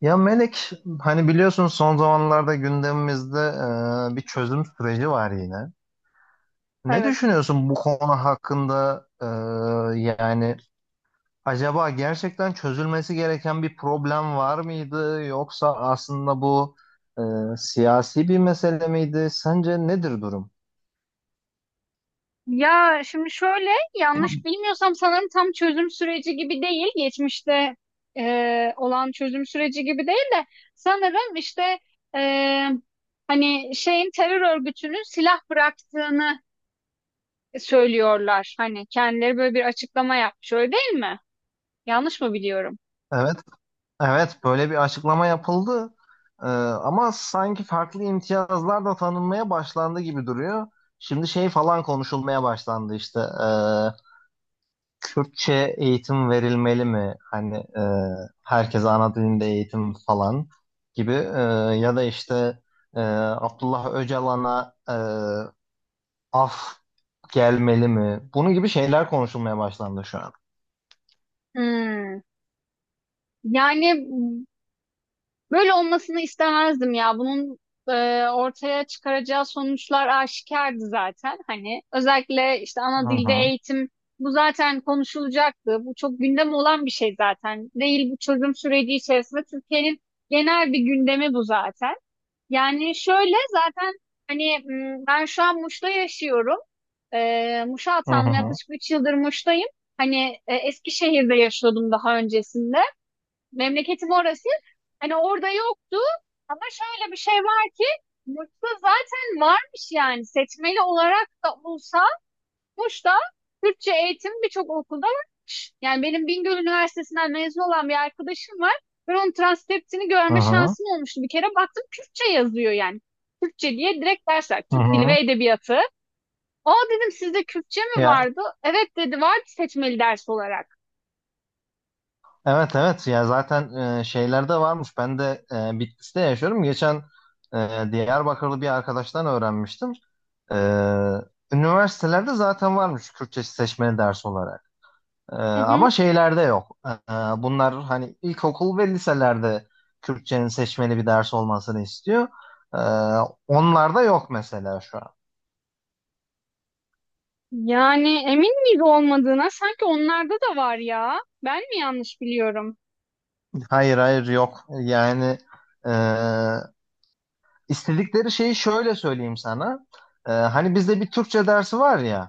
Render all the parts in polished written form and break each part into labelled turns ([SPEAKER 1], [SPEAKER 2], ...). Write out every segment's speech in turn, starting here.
[SPEAKER 1] Ya Melek, hani biliyorsun son zamanlarda gündemimizde bir çözüm süreci var yine. Ne
[SPEAKER 2] Evet.
[SPEAKER 1] düşünüyorsun bu konu hakkında? Yani acaba gerçekten çözülmesi gereken bir problem var mıydı? Yoksa aslında bu e, siyasi bir mesele miydi? Sence nedir durum?
[SPEAKER 2] Ya şimdi şöyle, yanlış bilmiyorsam sanırım tam çözüm süreci gibi değil. Geçmişte olan çözüm süreci gibi değil de sanırım işte e, hani şeyin terör örgütünün silah bıraktığını söylüyorlar. Hani kendileri böyle bir açıklama yapmış, öyle değil mi? Yanlış mı biliyorum?
[SPEAKER 1] Evet, evet böyle bir açıklama yapıldı. Ama sanki farklı imtiyazlar da tanınmaya başlandı gibi duruyor. Şimdi şey falan konuşulmaya başlandı işte. Kürtçe eğitim verilmeli mi? Hani herkese ana dilinde eğitim falan gibi, ya da işte Abdullah Öcalan'a af gelmeli mi? Bunun gibi şeyler konuşulmaya başlandı şu an.
[SPEAKER 2] Hmm. Yani böyle olmasını istemezdim ya. Bunun ortaya çıkaracağı sonuçlar aşikardı zaten. Hani özellikle işte ana
[SPEAKER 1] Hı
[SPEAKER 2] dilde
[SPEAKER 1] hı.
[SPEAKER 2] eğitim bu zaten konuşulacaktı. Bu çok gündem olan bir şey zaten. Değil bu çözüm süreci içerisinde, Türkiye'nin genel bir gündemi bu zaten. Yani şöyle, zaten hani ben şu an Muş'ta yaşıyorum. Muş'a
[SPEAKER 1] Hı
[SPEAKER 2] atandım,
[SPEAKER 1] hı.
[SPEAKER 2] yaklaşık 3 yıldır Muş'tayım. Hani Eskişehir'de yaşıyordum daha öncesinde. Memleketim orası. Hani orada yoktu ama şöyle bir şey var ki, Muş'ta zaten varmış. Yani seçmeli olarak da olsa Muş'ta Türkçe eğitim birçok okulda varmış. Yani benim Bingöl Üniversitesi'nden mezun olan bir arkadaşım var. Ben onun transkriptini
[SPEAKER 1] Hı
[SPEAKER 2] görme
[SPEAKER 1] hı.
[SPEAKER 2] şansım olmuştu. Bir kere baktım, Kürtçe yazıyor yani. Kürtçe diye direkt dersler.
[SPEAKER 1] Hı
[SPEAKER 2] Türk Dili
[SPEAKER 1] hı.
[SPEAKER 2] ve Edebiyatı. Aa dedim, sizde Kürtçe mi
[SPEAKER 1] Ya,
[SPEAKER 2] vardı? Evet dedi, vardı seçmeli ders olarak.
[SPEAKER 1] evet evet, ya zaten şeyler de varmış. Ben de Bitlis'te yaşıyorum. Geçen Diyarbakırlı bir arkadaştan öğrenmiştim. E, üniversitelerde zaten varmış Kürtçe seçmeli ders olarak. E,
[SPEAKER 2] Hı hı.
[SPEAKER 1] ama şeylerde yok. Bunlar hani ilkokul ve liselerde Kürtçenin seçmeli bir ders olmasını istiyor. E, onlarda yok mesela şu an.
[SPEAKER 2] Yani emin miyiz olmadığına? Sanki onlarda da var ya. Ben mi yanlış biliyorum?
[SPEAKER 1] Hayır hayır yok. Yani e, İstedikleri şeyi şöyle söyleyeyim sana. Hani bizde bir Türkçe dersi var ya,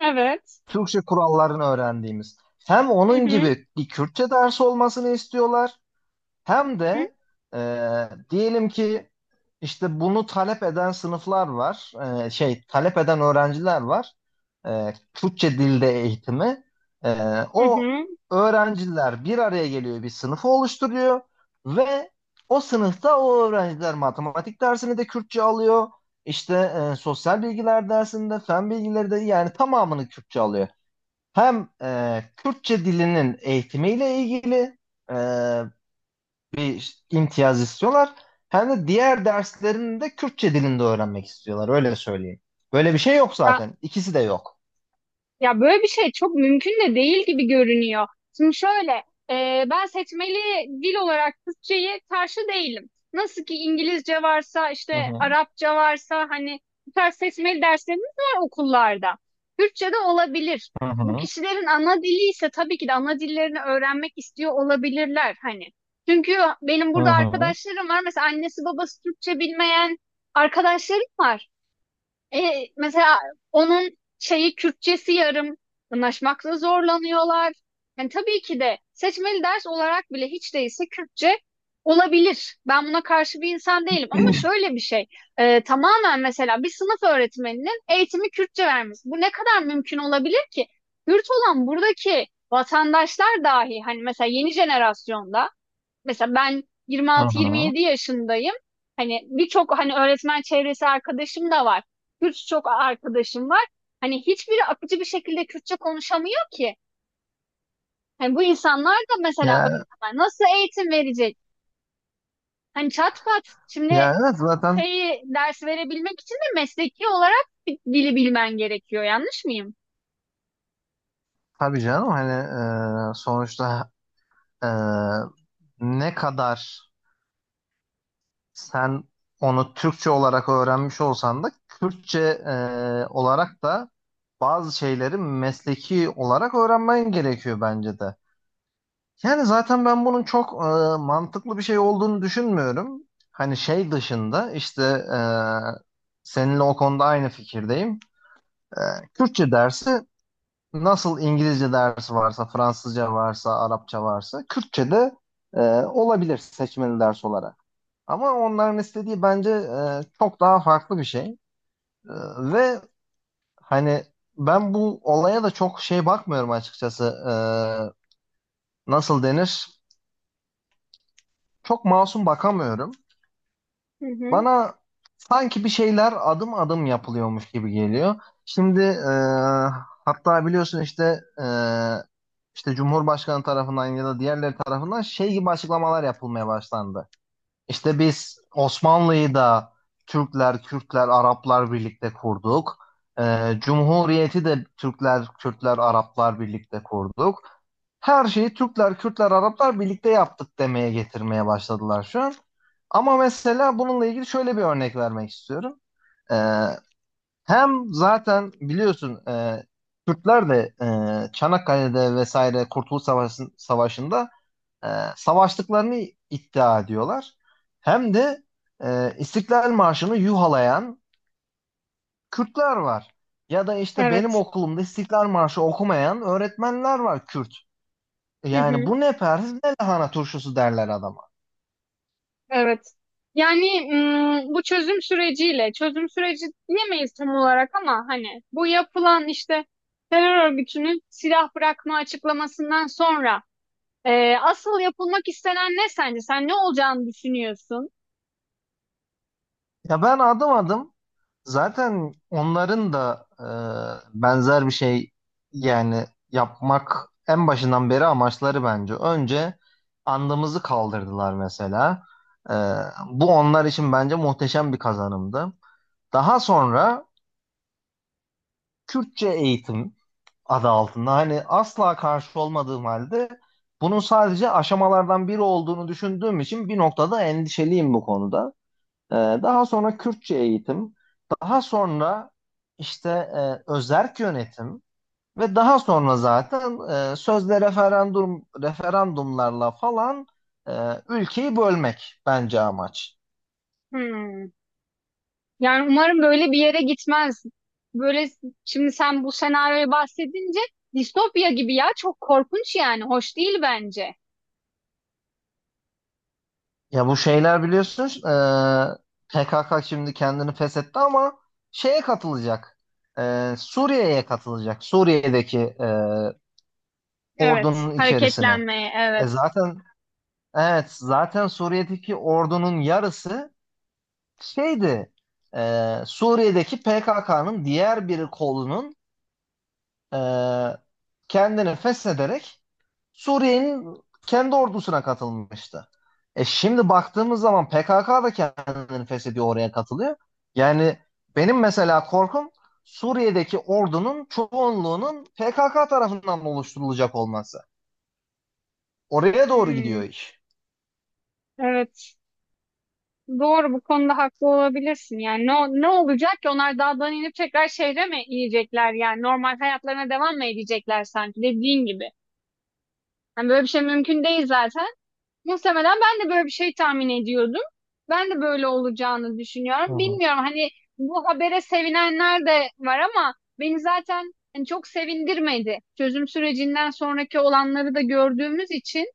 [SPEAKER 2] Evet.
[SPEAKER 1] Türkçe kurallarını öğrendiğimiz. Hem
[SPEAKER 2] Hı
[SPEAKER 1] onun
[SPEAKER 2] hı.
[SPEAKER 1] gibi bir Kürtçe dersi olmasını istiyorlar, hem
[SPEAKER 2] Hı hı.
[SPEAKER 1] de e, diyelim ki işte bunu talep eden sınıflar var, şey talep eden öğrenciler var. Türkçe dilde eğitimi. E,
[SPEAKER 2] Hı
[SPEAKER 1] o
[SPEAKER 2] hı.
[SPEAKER 1] öğrenciler bir araya geliyor, bir sınıfı oluşturuyor ve o sınıfta o öğrenciler matematik dersini de Kürtçe alıyor. İşte sosyal bilgiler dersinde, fen bilgileri de yani tamamını Kürtçe alıyor. Hem Kürtçe dilinin eğitimiyle ilgili, e, bir imtiyaz istiyorlar. Hem de diğer derslerini de Kürtçe dilinde öğrenmek istiyorlar. Öyle söyleyeyim. Böyle bir şey yok zaten. İkisi de yok.
[SPEAKER 2] Ya böyle bir şey çok mümkün de değil gibi görünüyor. Şimdi şöyle, ben seçmeli dil olarak Türkçeyi karşı değilim. Nasıl ki İngilizce varsa,
[SPEAKER 1] Hı
[SPEAKER 2] işte
[SPEAKER 1] hı.
[SPEAKER 2] Arapça varsa, hani bu tarz seçmeli derslerimiz var okullarda. Türkçe de olabilir.
[SPEAKER 1] Hı
[SPEAKER 2] Bu
[SPEAKER 1] hı.
[SPEAKER 2] kişilerin ana dili ise tabii ki de ana dillerini öğrenmek istiyor olabilirler hani. Çünkü benim
[SPEAKER 1] Hı
[SPEAKER 2] burada
[SPEAKER 1] hı.
[SPEAKER 2] arkadaşlarım var. Mesela annesi babası Türkçe bilmeyen arkadaşlarım var. Mesela onun şeyi Kürtçesi yarım, anlaşmakta zorlanıyorlar. Yani tabii ki de seçmeli ders olarak bile hiç değilse Kürtçe olabilir. Ben buna karşı bir insan değilim, ama şöyle bir şey. Tamamen mesela bir sınıf öğretmeninin eğitimi Kürtçe vermesi. Bu ne kadar mümkün olabilir ki? Kürt olan buradaki vatandaşlar dahi hani, mesela yeni jenerasyonda, mesela ben
[SPEAKER 1] Hı hı.
[SPEAKER 2] 26-27 yaşındayım. Hani birçok hani öğretmen çevresi arkadaşım da var. Kürtçe çok arkadaşım var. Hani hiçbiri akıcı bir şekilde Kürtçe konuşamıyor ki. Hani bu insanlar da mesela
[SPEAKER 1] Ya,
[SPEAKER 2] öğretmen nasıl eğitim verecek? Hani çat pat, şimdi
[SPEAKER 1] ya evet, zaten
[SPEAKER 2] şeyi ders verebilmek için de mesleki olarak bir dili bilmen gerekiyor. Yanlış mıyım?
[SPEAKER 1] tabii canım hani sonuçta e, ne kadar sen onu Türkçe olarak öğrenmiş olsan da Kürtçe olarak da bazı şeyleri mesleki olarak öğrenmen gerekiyor bence de. Yani zaten ben bunun çok mantıklı bir şey olduğunu düşünmüyorum. Hani şey dışında işte e, seninle o konuda aynı fikirdeyim. E, Kürtçe dersi nasıl İngilizce dersi varsa, Fransızca varsa, Arapça varsa Kürtçe de e, olabilir seçmeli ders olarak. Ama onların istediği bence çok daha farklı bir şey. E, ve hani ben bu olaya da çok şey bakmıyorum açıkçası. Nasıl denir? Çok masum bakamıyorum.
[SPEAKER 2] Hı hı.
[SPEAKER 1] Bana sanki bir şeyler adım adım yapılıyormuş gibi geliyor. Şimdi hatta biliyorsun işte işte Cumhurbaşkanı tarafından ya da diğerleri tarafından şey gibi açıklamalar yapılmaya başlandı. İşte biz Osmanlı'yı da Türkler, Kürtler, Araplar birlikte kurduk. Cumhuriyeti de Türkler, Kürtler, Araplar birlikte kurduk, her şeyi Türkler, Kürtler, Araplar birlikte yaptık demeye getirmeye başladılar şu an. Ama mesela bununla ilgili şöyle bir örnek vermek istiyorum. Ee, Hem zaten biliyorsun Kürtler de Çanakkale'de vesaire Kurtuluş Savaşı'nda e, savaştıklarını iddia ediyorlar. Hem de İstiklal Marşı'nı yuhalayan Kürtler var. Ya da işte benim
[SPEAKER 2] Evet.
[SPEAKER 1] okulumda İstiklal Marşı okumayan öğretmenler var Kürt.
[SPEAKER 2] Hı
[SPEAKER 1] Yani
[SPEAKER 2] hı.
[SPEAKER 1] bu ne perhiz ne lahana turşusu derler adama.
[SPEAKER 2] Evet. Yani bu çözüm süreciyle, çözüm süreci diyemeyiz tam olarak ama hani bu yapılan işte terör örgütünün silah bırakma açıklamasından sonra asıl yapılmak istenen ne sence? Sen ne olacağını düşünüyorsun?
[SPEAKER 1] Ya ben adım adım zaten onların da benzer bir şey yani yapmak en başından beri amaçları bence. Önce andımızı kaldırdılar mesela. E, bu onlar için bence muhteşem bir kazanımdı. Daha sonra Kürtçe eğitim adı altında hani asla karşı olmadığım halde bunun sadece aşamalardan biri olduğunu düşündüğüm için bir noktada endişeliyim bu konuda. Ee, Daha sonra Kürtçe eğitim, daha sonra işte özerk yönetim ve daha sonra zaten sözde referandumlarla falan e, ülkeyi bölmek bence amaç.
[SPEAKER 2] Hmm. Yani umarım böyle bir yere gitmez. Böyle, şimdi sen bu senaryoyu bahsedince, distopya gibi ya, çok korkunç yani, hoş değil bence.
[SPEAKER 1] Ya bu şeyler biliyorsunuz PKK şimdi kendini feshetti ama şeye katılacak. Suriye'ye katılacak. Suriye'deki
[SPEAKER 2] Evet.
[SPEAKER 1] ordunun içerisine.
[SPEAKER 2] Hareketlenmeye,
[SPEAKER 1] E
[SPEAKER 2] evet.
[SPEAKER 1] zaten evet, zaten Suriye'deki ordunun yarısı şeydi, Suriye'deki PKK'nın diğer bir kolunun e, kendini feshederek Suriye'nin kendi ordusuna katılmıştı. Şimdi baktığımız zaman PKK da kendini feshediyor, oraya katılıyor. Yani benim mesela korkum Suriye'deki ordunun çoğunluğunun PKK tarafından oluşturulacak olması. Oraya doğru
[SPEAKER 2] Hmm.
[SPEAKER 1] gidiyor iş.
[SPEAKER 2] Evet. Doğru, bu konuda haklı olabilirsin. Yani ne, ne olacak ki? Onlar dağdan inip tekrar şehre mi inecekler? Yani normal hayatlarına devam mı edecekler sanki, dediğin gibi. Yani böyle bir şey mümkün değil zaten. Muhtemelen ben de böyle bir şey tahmin ediyordum. Ben de böyle olacağını
[SPEAKER 1] Hı
[SPEAKER 2] düşünüyorum.
[SPEAKER 1] hı.
[SPEAKER 2] Bilmiyorum, hani bu habere sevinenler de var ama beni zaten hani çok sevindirmedi. Çözüm sürecinden sonraki olanları da gördüğümüz için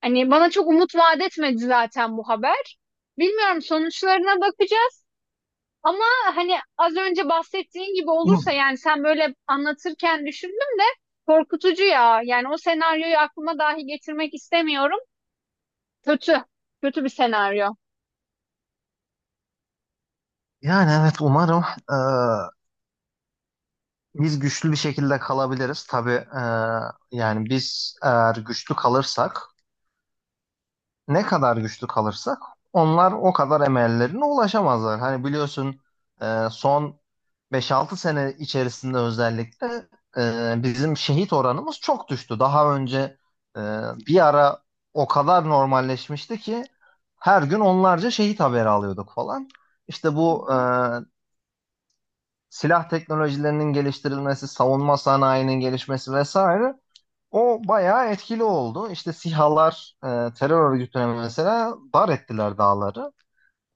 [SPEAKER 2] hani bana çok umut vaat etmedi zaten bu haber. Bilmiyorum, sonuçlarına bakacağız. Ama hani az önce bahsettiğin gibi olursa, yani sen böyle anlatırken düşündüm de, korkutucu ya. Yani o senaryoyu aklıma dahi getirmek istemiyorum. Kötü. Kötü bir senaryo.
[SPEAKER 1] Yani evet, umarım e, biz güçlü bir şekilde kalabiliriz. Tabii yani biz eğer güçlü kalırsak, ne kadar güçlü kalırsak onlar o kadar emellerine ulaşamazlar. Hani biliyorsun son beş altı sene içerisinde özellikle bizim şehit oranımız çok düştü. Daha önce e, bir ara o kadar normalleşmişti ki her gün onlarca şehit haberi alıyorduk falan. İşte
[SPEAKER 2] Hı
[SPEAKER 1] bu
[SPEAKER 2] hı.
[SPEAKER 1] silah teknolojilerinin geliştirilmesi, savunma sanayinin gelişmesi vesaire o bayağı etkili oldu. İşte SİHA'lar terör örgütüne mesela dar ettiler dağları.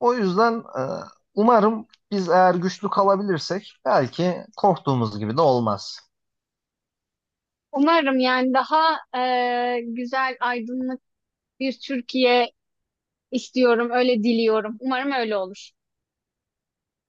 [SPEAKER 1] O yüzden umarım biz eğer güçlü kalabilirsek belki korktuğumuz gibi de olmaz.
[SPEAKER 2] Umarım yani daha güzel, aydınlık bir Türkiye istiyorum. Öyle diliyorum. Umarım öyle olur.